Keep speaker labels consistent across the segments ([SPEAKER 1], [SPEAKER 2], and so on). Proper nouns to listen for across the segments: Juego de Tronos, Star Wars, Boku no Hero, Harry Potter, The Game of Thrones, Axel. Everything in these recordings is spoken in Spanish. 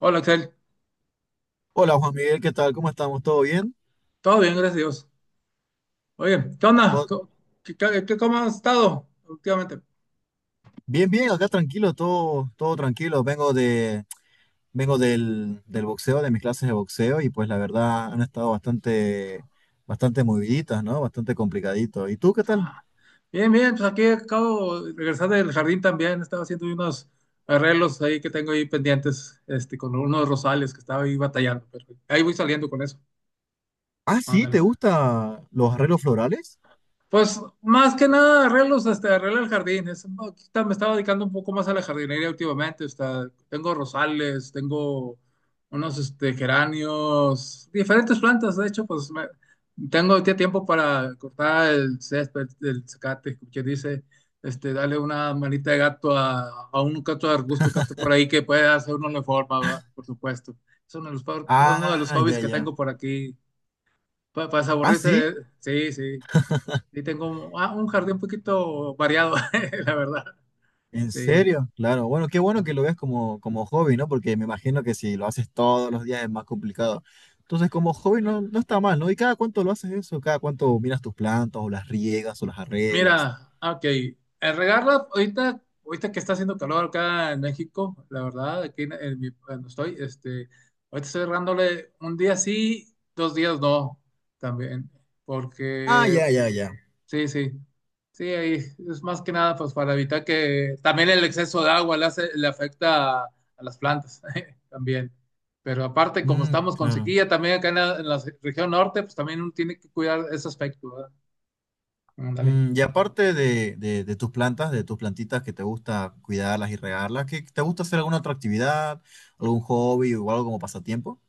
[SPEAKER 1] Hola, Axel.
[SPEAKER 2] Hola Juan Miguel, ¿qué tal? ¿Cómo estamos? ¿Todo bien?
[SPEAKER 1] Todo bien, gracias a Dios. Oye, ¿qué onda?
[SPEAKER 2] ¿Todo-
[SPEAKER 1] ¿Cómo has estado últimamente?
[SPEAKER 2] Bien, bien, acá tranquilo, todo tranquilo. Vengo del boxeo, de mis clases de boxeo, y pues la verdad han estado bastante moviditas, ¿no? Bastante complicadito. ¿Y tú qué tal?
[SPEAKER 1] Ah, bien, bien, pues aquí acabo de regresar del jardín también. Estaba haciendo unos arreglos ahí que tengo ahí pendientes, con unos rosales que estaba ahí batallando, pero ahí voy saliendo con eso.
[SPEAKER 2] Ah, sí, ¿te
[SPEAKER 1] Ándale.
[SPEAKER 2] gustan los arreglos florales?
[SPEAKER 1] Pues más que nada arreglos, arregla el jardín. No, ahorita me estaba dedicando un poco más a la jardinería últimamente. Tengo rosales, tengo unos geranios, diferentes plantas. De hecho, pues tengo ahorita tiempo para cortar el césped, el zacate, como quien dice, darle una manita de gato a, un gato de arbusto que esté por ahí que pueda hacer uno la forma, ¿va? Por supuesto. Es uno de los
[SPEAKER 2] Ah,
[SPEAKER 1] hobbies
[SPEAKER 2] ya,
[SPEAKER 1] que
[SPEAKER 2] ya.
[SPEAKER 1] tengo por aquí. Para
[SPEAKER 2] Ah, sí.
[SPEAKER 1] aburrirse, sí, sí. Sí, tengo un jardín un poquito variado, la verdad.
[SPEAKER 2] ¿En
[SPEAKER 1] Sí.
[SPEAKER 2] serio? Claro. Bueno, qué bueno que lo veas como hobby, ¿no? Porque me imagino que si lo haces todos los días es más complicado. Entonces, como hobby no, no está mal, ¿no? ¿Y cada cuánto lo haces eso? ¿Cada cuánto miras tus plantas o las riegas o las arreglas?
[SPEAKER 1] Mira, ok. El regarla, ahorita que está haciendo calor acá en México, la verdad, aquí donde estoy, ahorita estoy regándole un día sí, dos días no, también.
[SPEAKER 2] Ah,
[SPEAKER 1] Porque.
[SPEAKER 2] ya, ya, ya.
[SPEAKER 1] Sí, sí. Sí, ahí es más que nada pues para evitar que también el exceso de agua le afecta a, las plantas también. Pero aparte, como
[SPEAKER 2] Mm,
[SPEAKER 1] estamos con
[SPEAKER 2] claro.
[SPEAKER 1] sequía también acá en la región norte, pues también uno tiene que cuidar ese aspecto, ¿verdad? Ándale.
[SPEAKER 2] Mm, y aparte de tus plantas, de tus plantitas que te gusta cuidarlas y regarlas, ¿qué, te gusta hacer alguna otra actividad, algún hobby o algo como pasatiempo?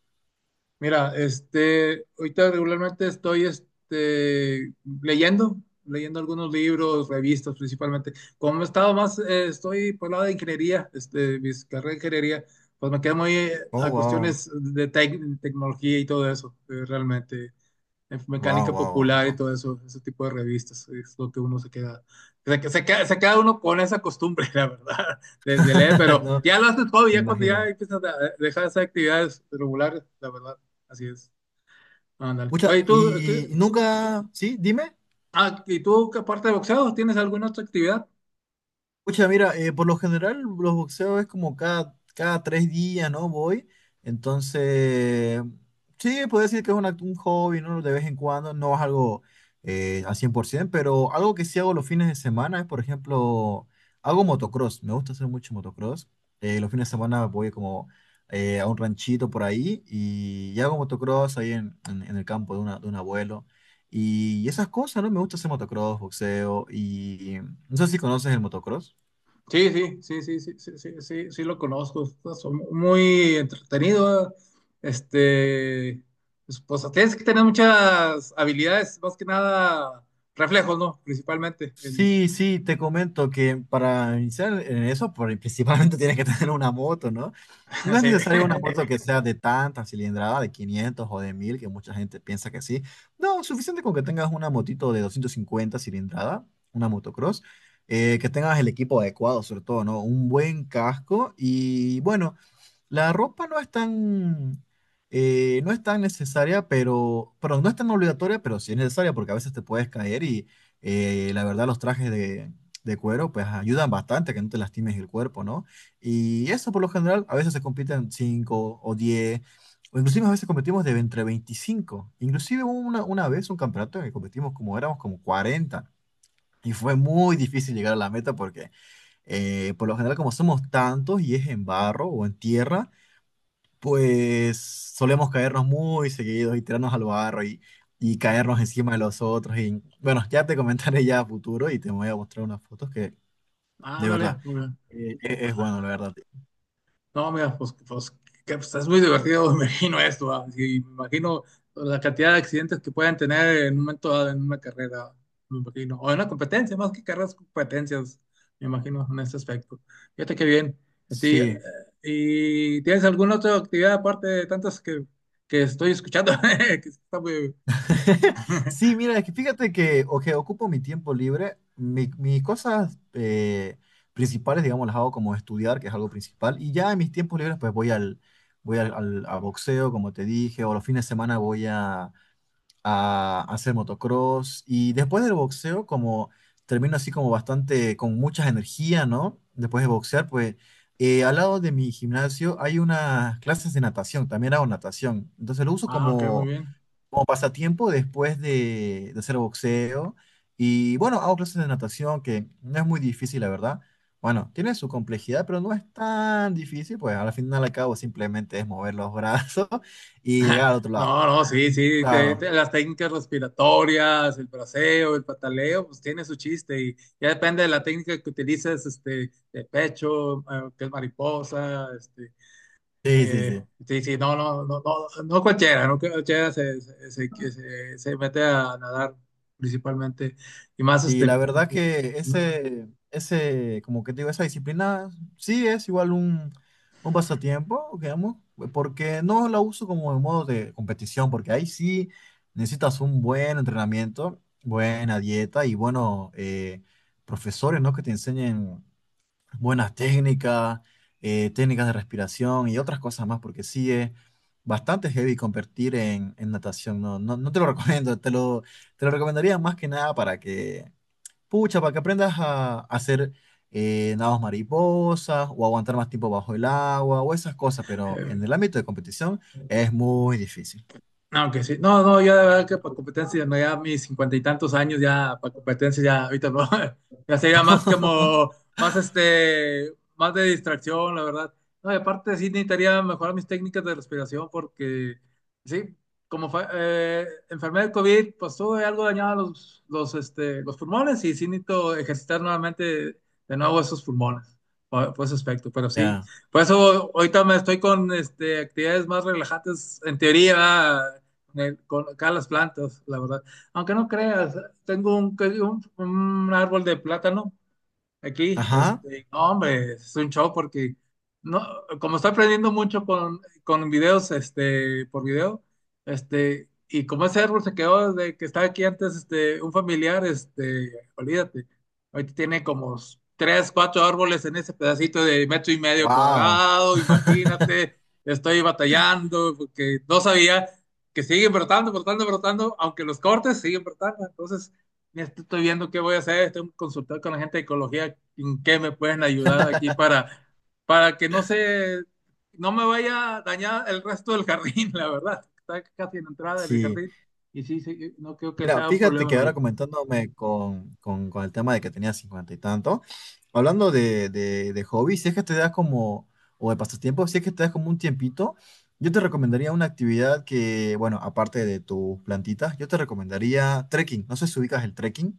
[SPEAKER 1] Mira, ahorita regularmente estoy leyendo, leyendo algunos libros, revistas principalmente. Como he estado más, estoy por el lado de ingeniería, mi carrera de ingeniería, pues me quedo muy
[SPEAKER 2] Oh,
[SPEAKER 1] a
[SPEAKER 2] wow.
[SPEAKER 1] cuestiones de tecnología y todo eso, realmente en
[SPEAKER 2] Wow,
[SPEAKER 1] mecánica
[SPEAKER 2] wow, wow,
[SPEAKER 1] popular y
[SPEAKER 2] wow.
[SPEAKER 1] todo eso, ese tipo de revistas, es lo que uno se queda uno con esa costumbre, la verdad, de leer, pero
[SPEAKER 2] No,
[SPEAKER 1] ya lo haces todo,
[SPEAKER 2] me
[SPEAKER 1] ya cuando ya
[SPEAKER 2] imagino.
[SPEAKER 1] empiezas a dejar esas actividades regulares, la verdad, así es. Ándale.
[SPEAKER 2] Pucha,
[SPEAKER 1] Oye,
[SPEAKER 2] y nunca, sí, dime.
[SPEAKER 1] ¿y tú, que aparte de boxeo, tienes alguna otra actividad?
[SPEAKER 2] Pucha, mira, por lo general los boxeos es como cada tres días, ¿no? Voy. Entonces, sí, puedo decir que es un hobby, ¿no? De vez en cuando, no es algo al 100%, pero algo que sí hago los fines de semana es, por ejemplo, hago motocross. Me gusta hacer mucho motocross. Los fines de semana voy como a un ranchito por ahí y hago motocross ahí en el campo de, de un abuelo. Y esas cosas, ¿no? Me gusta hacer motocross, boxeo y... No sé si conoces el motocross.
[SPEAKER 1] Sí, sí, sí, sí, sí, sí, sí, sí, sí lo conozco. Es muy entretenido. Este, pues, tienes que tener muchas habilidades, más que nada reflejos, ¿no? Principalmente.
[SPEAKER 2] Sí, sí, te comento que para iniciar en eso, principalmente tienes que tener una moto, ¿no? No es
[SPEAKER 1] Sí.
[SPEAKER 2] necesario una moto que sea de tanta cilindrada, de 500 o de 1000, que mucha gente piensa que sí. No, suficiente con que tengas una motito de 250 cilindrada, una motocross, que tengas el equipo adecuado, sobre todo, ¿no? Un buen casco y bueno. La ropa no es no es tan necesaria, pero, perdón, no es tan obligatoria, pero sí es necesaria porque a veces te puedes caer y la verdad los trajes de cuero pues ayudan bastante a que no te lastimes el cuerpo, ¿no? Y eso por lo general a veces se compiten 5 o 10 o inclusive a veces competimos de entre 25. Inclusive hubo una vez un campeonato en el que competimos como éramos como 40. Y fue muy difícil llegar a la meta porque por lo general como somos tantos y es en barro o en tierra, pues solemos caernos muy seguidos y tirarnos al barro y caernos encima de los otros. Y bueno, ya te comentaré ya a futuro y te voy a mostrar unas fotos que de
[SPEAKER 1] Ándale,
[SPEAKER 2] verdad
[SPEAKER 1] muy bien.
[SPEAKER 2] es bueno, la verdad.
[SPEAKER 1] No, mira, pues, que, pues, es muy divertido, me imagino esto, ¿va? Y me imagino la cantidad de accidentes que pueden tener en un momento dado en una carrera, me imagino, o en una competencia, más que carreras, competencias, me imagino, en este aspecto. Fíjate qué bien. Este, eh,
[SPEAKER 2] Sí.
[SPEAKER 1] ¿Y tienes alguna otra actividad aparte de tantas que estoy escuchando? Que está
[SPEAKER 2] Sí, mira, es que fíjate que o que ocupo mi tiempo libre, mis cosas principales, digamos, las hago como estudiar, que es algo principal, y ya en mis tiempos libres pues voy a boxeo, como te dije, o los fines de semana a hacer motocross y después del boxeo como termino así como bastante con mucha energía, ¿no? Después de boxear, pues al lado de mi gimnasio hay unas clases de natación, también hago natación, entonces lo uso
[SPEAKER 1] Ah, ok, muy bien.
[SPEAKER 2] como pasatiempo después de hacer boxeo y bueno, hago clases de natación que no es muy difícil, la verdad. Bueno, tiene su complejidad, pero no es tan difícil, pues al final al cabo simplemente es mover los brazos y llegar al otro lado.
[SPEAKER 1] No, no, sí, sí,
[SPEAKER 2] Claro.
[SPEAKER 1] las técnicas respiratorias, el braceo, el pataleo, pues tiene su chiste y ya depende de la técnica que utilices, de pecho, que es mariposa,
[SPEAKER 2] Sí, sí, sí.
[SPEAKER 1] sí, sí, no, no, no, no, no cualquiera, no cualquiera se mete a nadar principalmente y más,
[SPEAKER 2] Y la verdad sí, que ese, como que te digo, esa disciplina sí es igual un pasatiempo, digamos, porque no la uso como en modo de competición, porque ahí sí necesitas un buen entrenamiento, buena dieta y buenos profesores, ¿no? Que te enseñen buenas técnicas, técnicas de respiración y otras cosas más, porque sí es bastante heavy competir en natación, ¿no? No, no te lo recomiendo, te lo recomendaría más que nada para que pucha, para que aprendas a hacer nados mariposas o aguantar más tiempo bajo el agua o esas cosas, pero en el
[SPEAKER 1] eh,
[SPEAKER 2] ámbito de competición es muy difícil.
[SPEAKER 1] aunque sí, no, no, yo de verdad que para competencia, no, ya mis cincuenta y tantos años, ya para competencia, ya ahorita no, ya sería más como, más más de distracción, la verdad. No, y aparte sí necesitaría mejorar mis técnicas de respiración porque, sí, como fue, enfermedad del COVID, pues tuve algo dañado los, los pulmones y sí necesito ejercitar nuevamente de nuevo esos pulmones, por ese aspecto, pero sí,
[SPEAKER 2] Ya.
[SPEAKER 1] por eso ahorita me estoy con, actividades más relajantes, en teoría, con acá las plantas, la verdad. Aunque no creas, tengo un, un árbol de plátano aquí,
[SPEAKER 2] Ajá.
[SPEAKER 1] no, hombre, es un show porque no, como estoy aprendiendo mucho con, videos, por video, y como ese árbol se quedó desde que estaba aquí antes, un familiar, olvídate, ahorita tiene como tres, cuatro árboles en ese pedacito de metro y medio
[SPEAKER 2] Wow.
[SPEAKER 1] cuadrado, imagínate, estoy batallando porque no sabía que siguen brotando, brotando, brotando, aunque los cortes siguen brotando, entonces. Estoy viendo qué voy a hacer, estoy consultando con la gente de ecología en qué me pueden ayudar aquí para que no se, no me vaya a dañar el resto del jardín, la verdad. Está casi en la entrada del
[SPEAKER 2] Sí.
[SPEAKER 1] jardín y sí, sí, no creo que
[SPEAKER 2] Mira,
[SPEAKER 1] sea un
[SPEAKER 2] fíjate
[SPEAKER 1] problema
[SPEAKER 2] que ahora
[SPEAKER 1] mayor.
[SPEAKER 2] comentándome con el tema de que tenía 50 y tanto, hablando de hobbies, si es que te das como, o de pasatiempos, si es que te das como un tiempito, yo te recomendaría una actividad que, bueno, aparte de tus plantitas, yo te recomendaría trekking. No sé si ubicas el trekking.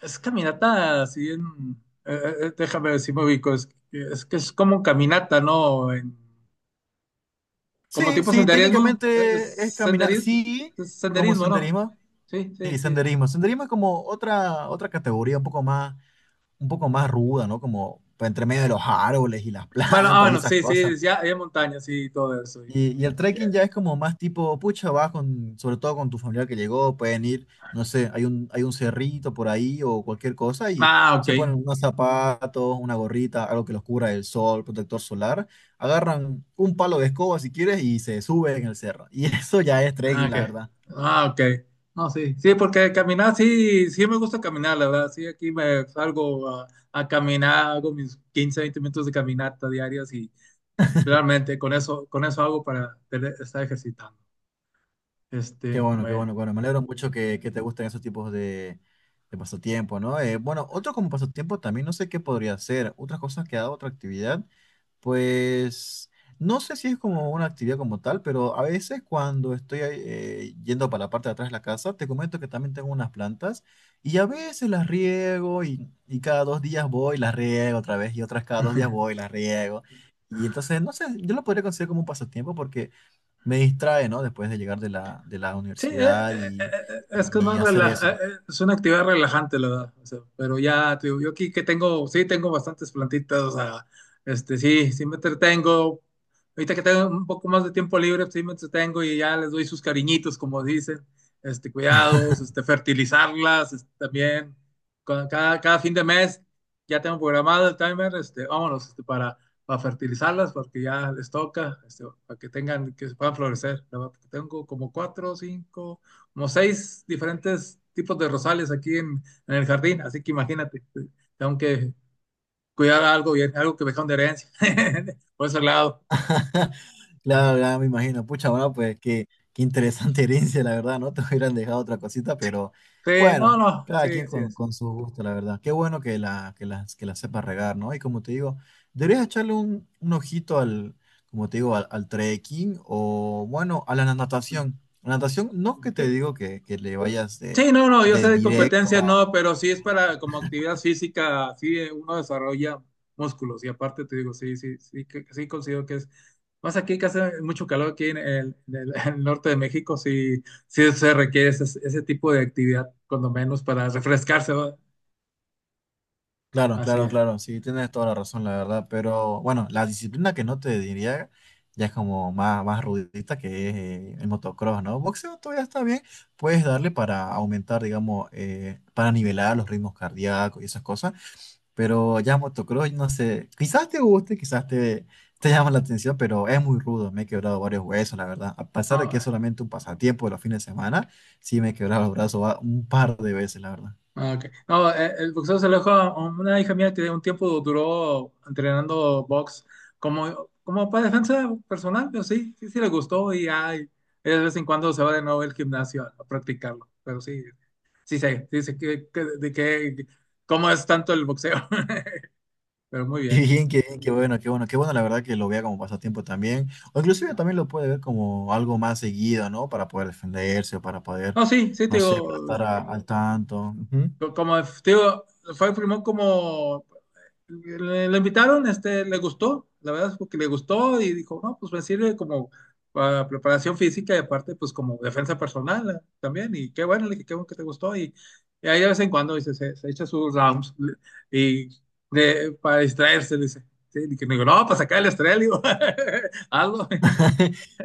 [SPEAKER 1] Es caminata, así déjame ver si me ubico, es que es como caminata, ¿no? Como
[SPEAKER 2] Sí,
[SPEAKER 1] tipo
[SPEAKER 2] sí,
[SPEAKER 1] senderismo, es
[SPEAKER 2] técnicamente es caminar,
[SPEAKER 1] senderismo,
[SPEAKER 2] sí, como
[SPEAKER 1] senderismo, ¿no?
[SPEAKER 2] senderismo,
[SPEAKER 1] Sí, sí,
[SPEAKER 2] sí,
[SPEAKER 1] sí.
[SPEAKER 2] senderismo. Senderismo es como otra, otra categoría un poco más ruda, ¿no? Como entre medio de los árboles y las
[SPEAKER 1] Bueno,
[SPEAKER 2] plantas y
[SPEAKER 1] bueno,
[SPEAKER 2] esas
[SPEAKER 1] sí,
[SPEAKER 2] cosas.
[SPEAKER 1] sí, ya hay montañas y todo eso.
[SPEAKER 2] Y el trekking ya es como más tipo, pucha, vas con, sobre todo con tu familiar que llegó, pueden ir, no sé, hay hay un cerrito por ahí o cualquier cosa y
[SPEAKER 1] Ah, ok.
[SPEAKER 2] se ponen unos zapatos, una gorrita, algo que los cubra del sol, protector solar, agarran un palo de escoba si quieres y se suben en el cerro. Y eso ya es
[SPEAKER 1] Ah,
[SPEAKER 2] trekking,
[SPEAKER 1] ok.
[SPEAKER 2] la verdad.
[SPEAKER 1] Ah, ok. No, sí. Sí, porque caminar, sí, sí me gusta caminar, la verdad. Sí, aquí me salgo a, caminar, hago mis 15, 20 minutos de caminata diarias y realmente con eso hago para estar ejercitando.
[SPEAKER 2] Qué bueno, qué
[SPEAKER 1] Bueno.
[SPEAKER 2] bueno, qué bueno. Me alegro mucho que te gusten esos tipos de pasatiempo, ¿no? Bueno, otro como pasatiempo también no sé qué podría ser. Otras cosas que ha dado otra actividad, pues no sé si es como una actividad como tal, pero a veces cuando estoy yendo para la parte de atrás de la casa, te comento que también tengo unas plantas y a veces las riego y cada dos días voy, y las riego otra vez y otras cada dos días voy, y las riego. Y entonces, no sé, yo lo podría considerar como un pasatiempo porque me distrae, ¿no? Después de llegar de de la
[SPEAKER 1] Sí,
[SPEAKER 2] universidad
[SPEAKER 1] es que es
[SPEAKER 2] y
[SPEAKER 1] más
[SPEAKER 2] hacer
[SPEAKER 1] relaja,
[SPEAKER 2] eso.
[SPEAKER 1] es una actividad relajante, la verdad. O sea, pero ya, te digo, yo aquí que tengo, sí, tengo bastantes plantitas, o sea, sí, sí me entretengo. Ahorita que tengo un poco más de tiempo libre, sí me entretengo y ya les doy sus cariñitos, como dicen, cuidados, fertilizarlas, también. Cada fin de mes ya tengo programado el timer, vámonos, para fertilizarlas, porque ya les toca, para que tengan, que se puedan florecer. Tengo como cuatro, cinco, como seis diferentes tipos de rosales aquí en el jardín, así que imagínate, tengo que cuidar algo bien, algo que me dejaron de herencia, por ese lado.
[SPEAKER 2] Claro, claro, me imagino. Pucha, bueno, pues qué, qué interesante herencia, la verdad, ¿no? Te hubieran dejado otra cosita, pero
[SPEAKER 1] Sí, no,
[SPEAKER 2] bueno,
[SPEAKER 1] no,
[SPEAKER 2] cada
[SPEAKER 1] sí,
[SPEAKER 2] quien
[SPEAKER 1] así es.
[SPEAKER 2] con su gusto, la verdad. Qué bueno que que las que la sepa regar, ¿no? Y como te digo, deberías echarle un ojito al, como te digo, al trekking o, bueno, a la natación. La natación, no que te digo que le vayas
[SPEAKER 1] Sí, no, no, yo sé
[SPEAKER 2] de
[SPEAKER 1] de
[SPEAKER 2] directo.
[SPEAKER 1] competencias, no, pero sí es para como actividad física, sí uno desarrolla músculos y aparte te digo, sí, sí, sí, sí considero que es, más aquí que hace mucho calor aquí en el norte de México, sí, sí se requiere ese tipo de actividad, cuando menos para refrescarse, ¿va?
[SPEAKER 2] Claro,
[SPEAKER 1] Así
[SPEAKER 2] claro,
[SPEAKER 1] es.
[SPEAKER 2] claro, sí, tienes toda la razón, la verdad, pero bueno, la disciplina que no te diría ya es como más, más rudita que es el motocross, ¿no? Boxeo todavía está bien, puedes darle para aumentar, digamos, para nivelar los ritmos cardíacos y esas cosas, pero ya motocross, no sé, quizás te guste, te llama la atención, pero es muy rudo, me he quebrado varios huesos, la verdad, a pesar de que
[SPEAKER 1] No,
[SPEAKER 2] es solamente un pasatiempo de los fines de semana, sí me he quebrado los brazos un par de veces, la verdad.
[SPEAKER 1] ah, ok. No, el boxeo se alejó. Una hija mía que un tiempo duró entrenando box como, para defensa personal, pero sí, sí, sí le gustó y ay, de vez en cuando se va de nuevo al gimnasio a, practicarlo. Pero sí, sí sé de qué, cómo es tanto el boxeo. Pero muy
[SPEAKER 2] Qué
[SPEAKER 1] bien.
[SPEAKER 2] bien, qué bien, qué bueno, qué bueno, qué bueno, la verdad que lo vea como pasatiempo también, o inclusive también lo puede ver como algo más seguido, ¿no? Para poder defenderse o para poder,
[SPEAKER 1] No, sí, sí, te
[SPEAKER 2] no sé, para
[SPEAKER 1] digo,
[SPEAKER 2] estar al tanto. Ujú.
[SPEAKER 1] como te digo, fue primero como le invitaron, le gustó, la verdad es porque le gustó y dijo, no, pues me sirve como para preparación física y aparte, pues como defensa personal también. Y qué bueno, le dije, qué bueno que te gustó. Y ahí de vez en cuando dice, se echa sus rounds y para distraerse, dice. Sí, y que me digo, no, para sacar el estrés, le digo, algo.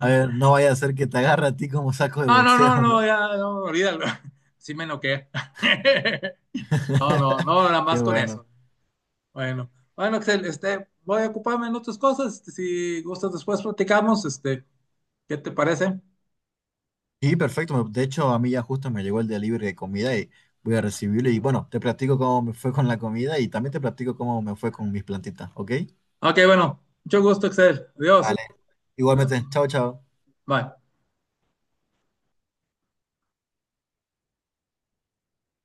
[SPEAKER 2] A ver, no vaya a ser que te agarre a ti como saco de
[SPEAKER 1] No, no, no,
[SPEAKER 2] boxeo,
[SPEAKER 1] no,
[SPEAKER 2] ¿no?
[SPEAKER 1] ya, no, olvídalo. Sí me noquea. No, no, no, nada
[SPEAKER 2] Qué
[SPEAKER 1] más con
[SPEAKER 2] bueno.
[SPEAKER 1] eso. Bueno, bueno, Axel, voy a ocuparme en otras cosas. Si gustas, después platicamos. ¿Qué te parece?
[SPEAKER 2] Y perfecto, de hecho a mí ya justo me llegó el delivery de comida y voy a recibirlo y bueno, te platico cómo me fue con la comida y también te platico cómo me fue con mis plantitas, ¿ok?
[SPEAKER 1] Ok, bueno, mucho gusto, Axel. Adiós.
[SPEAKER 2] Vale.
[SPEAKER 1] Ah,
[SPEAKER 2] Igualmente, chao, chao.
[SPEAKER 1] bye.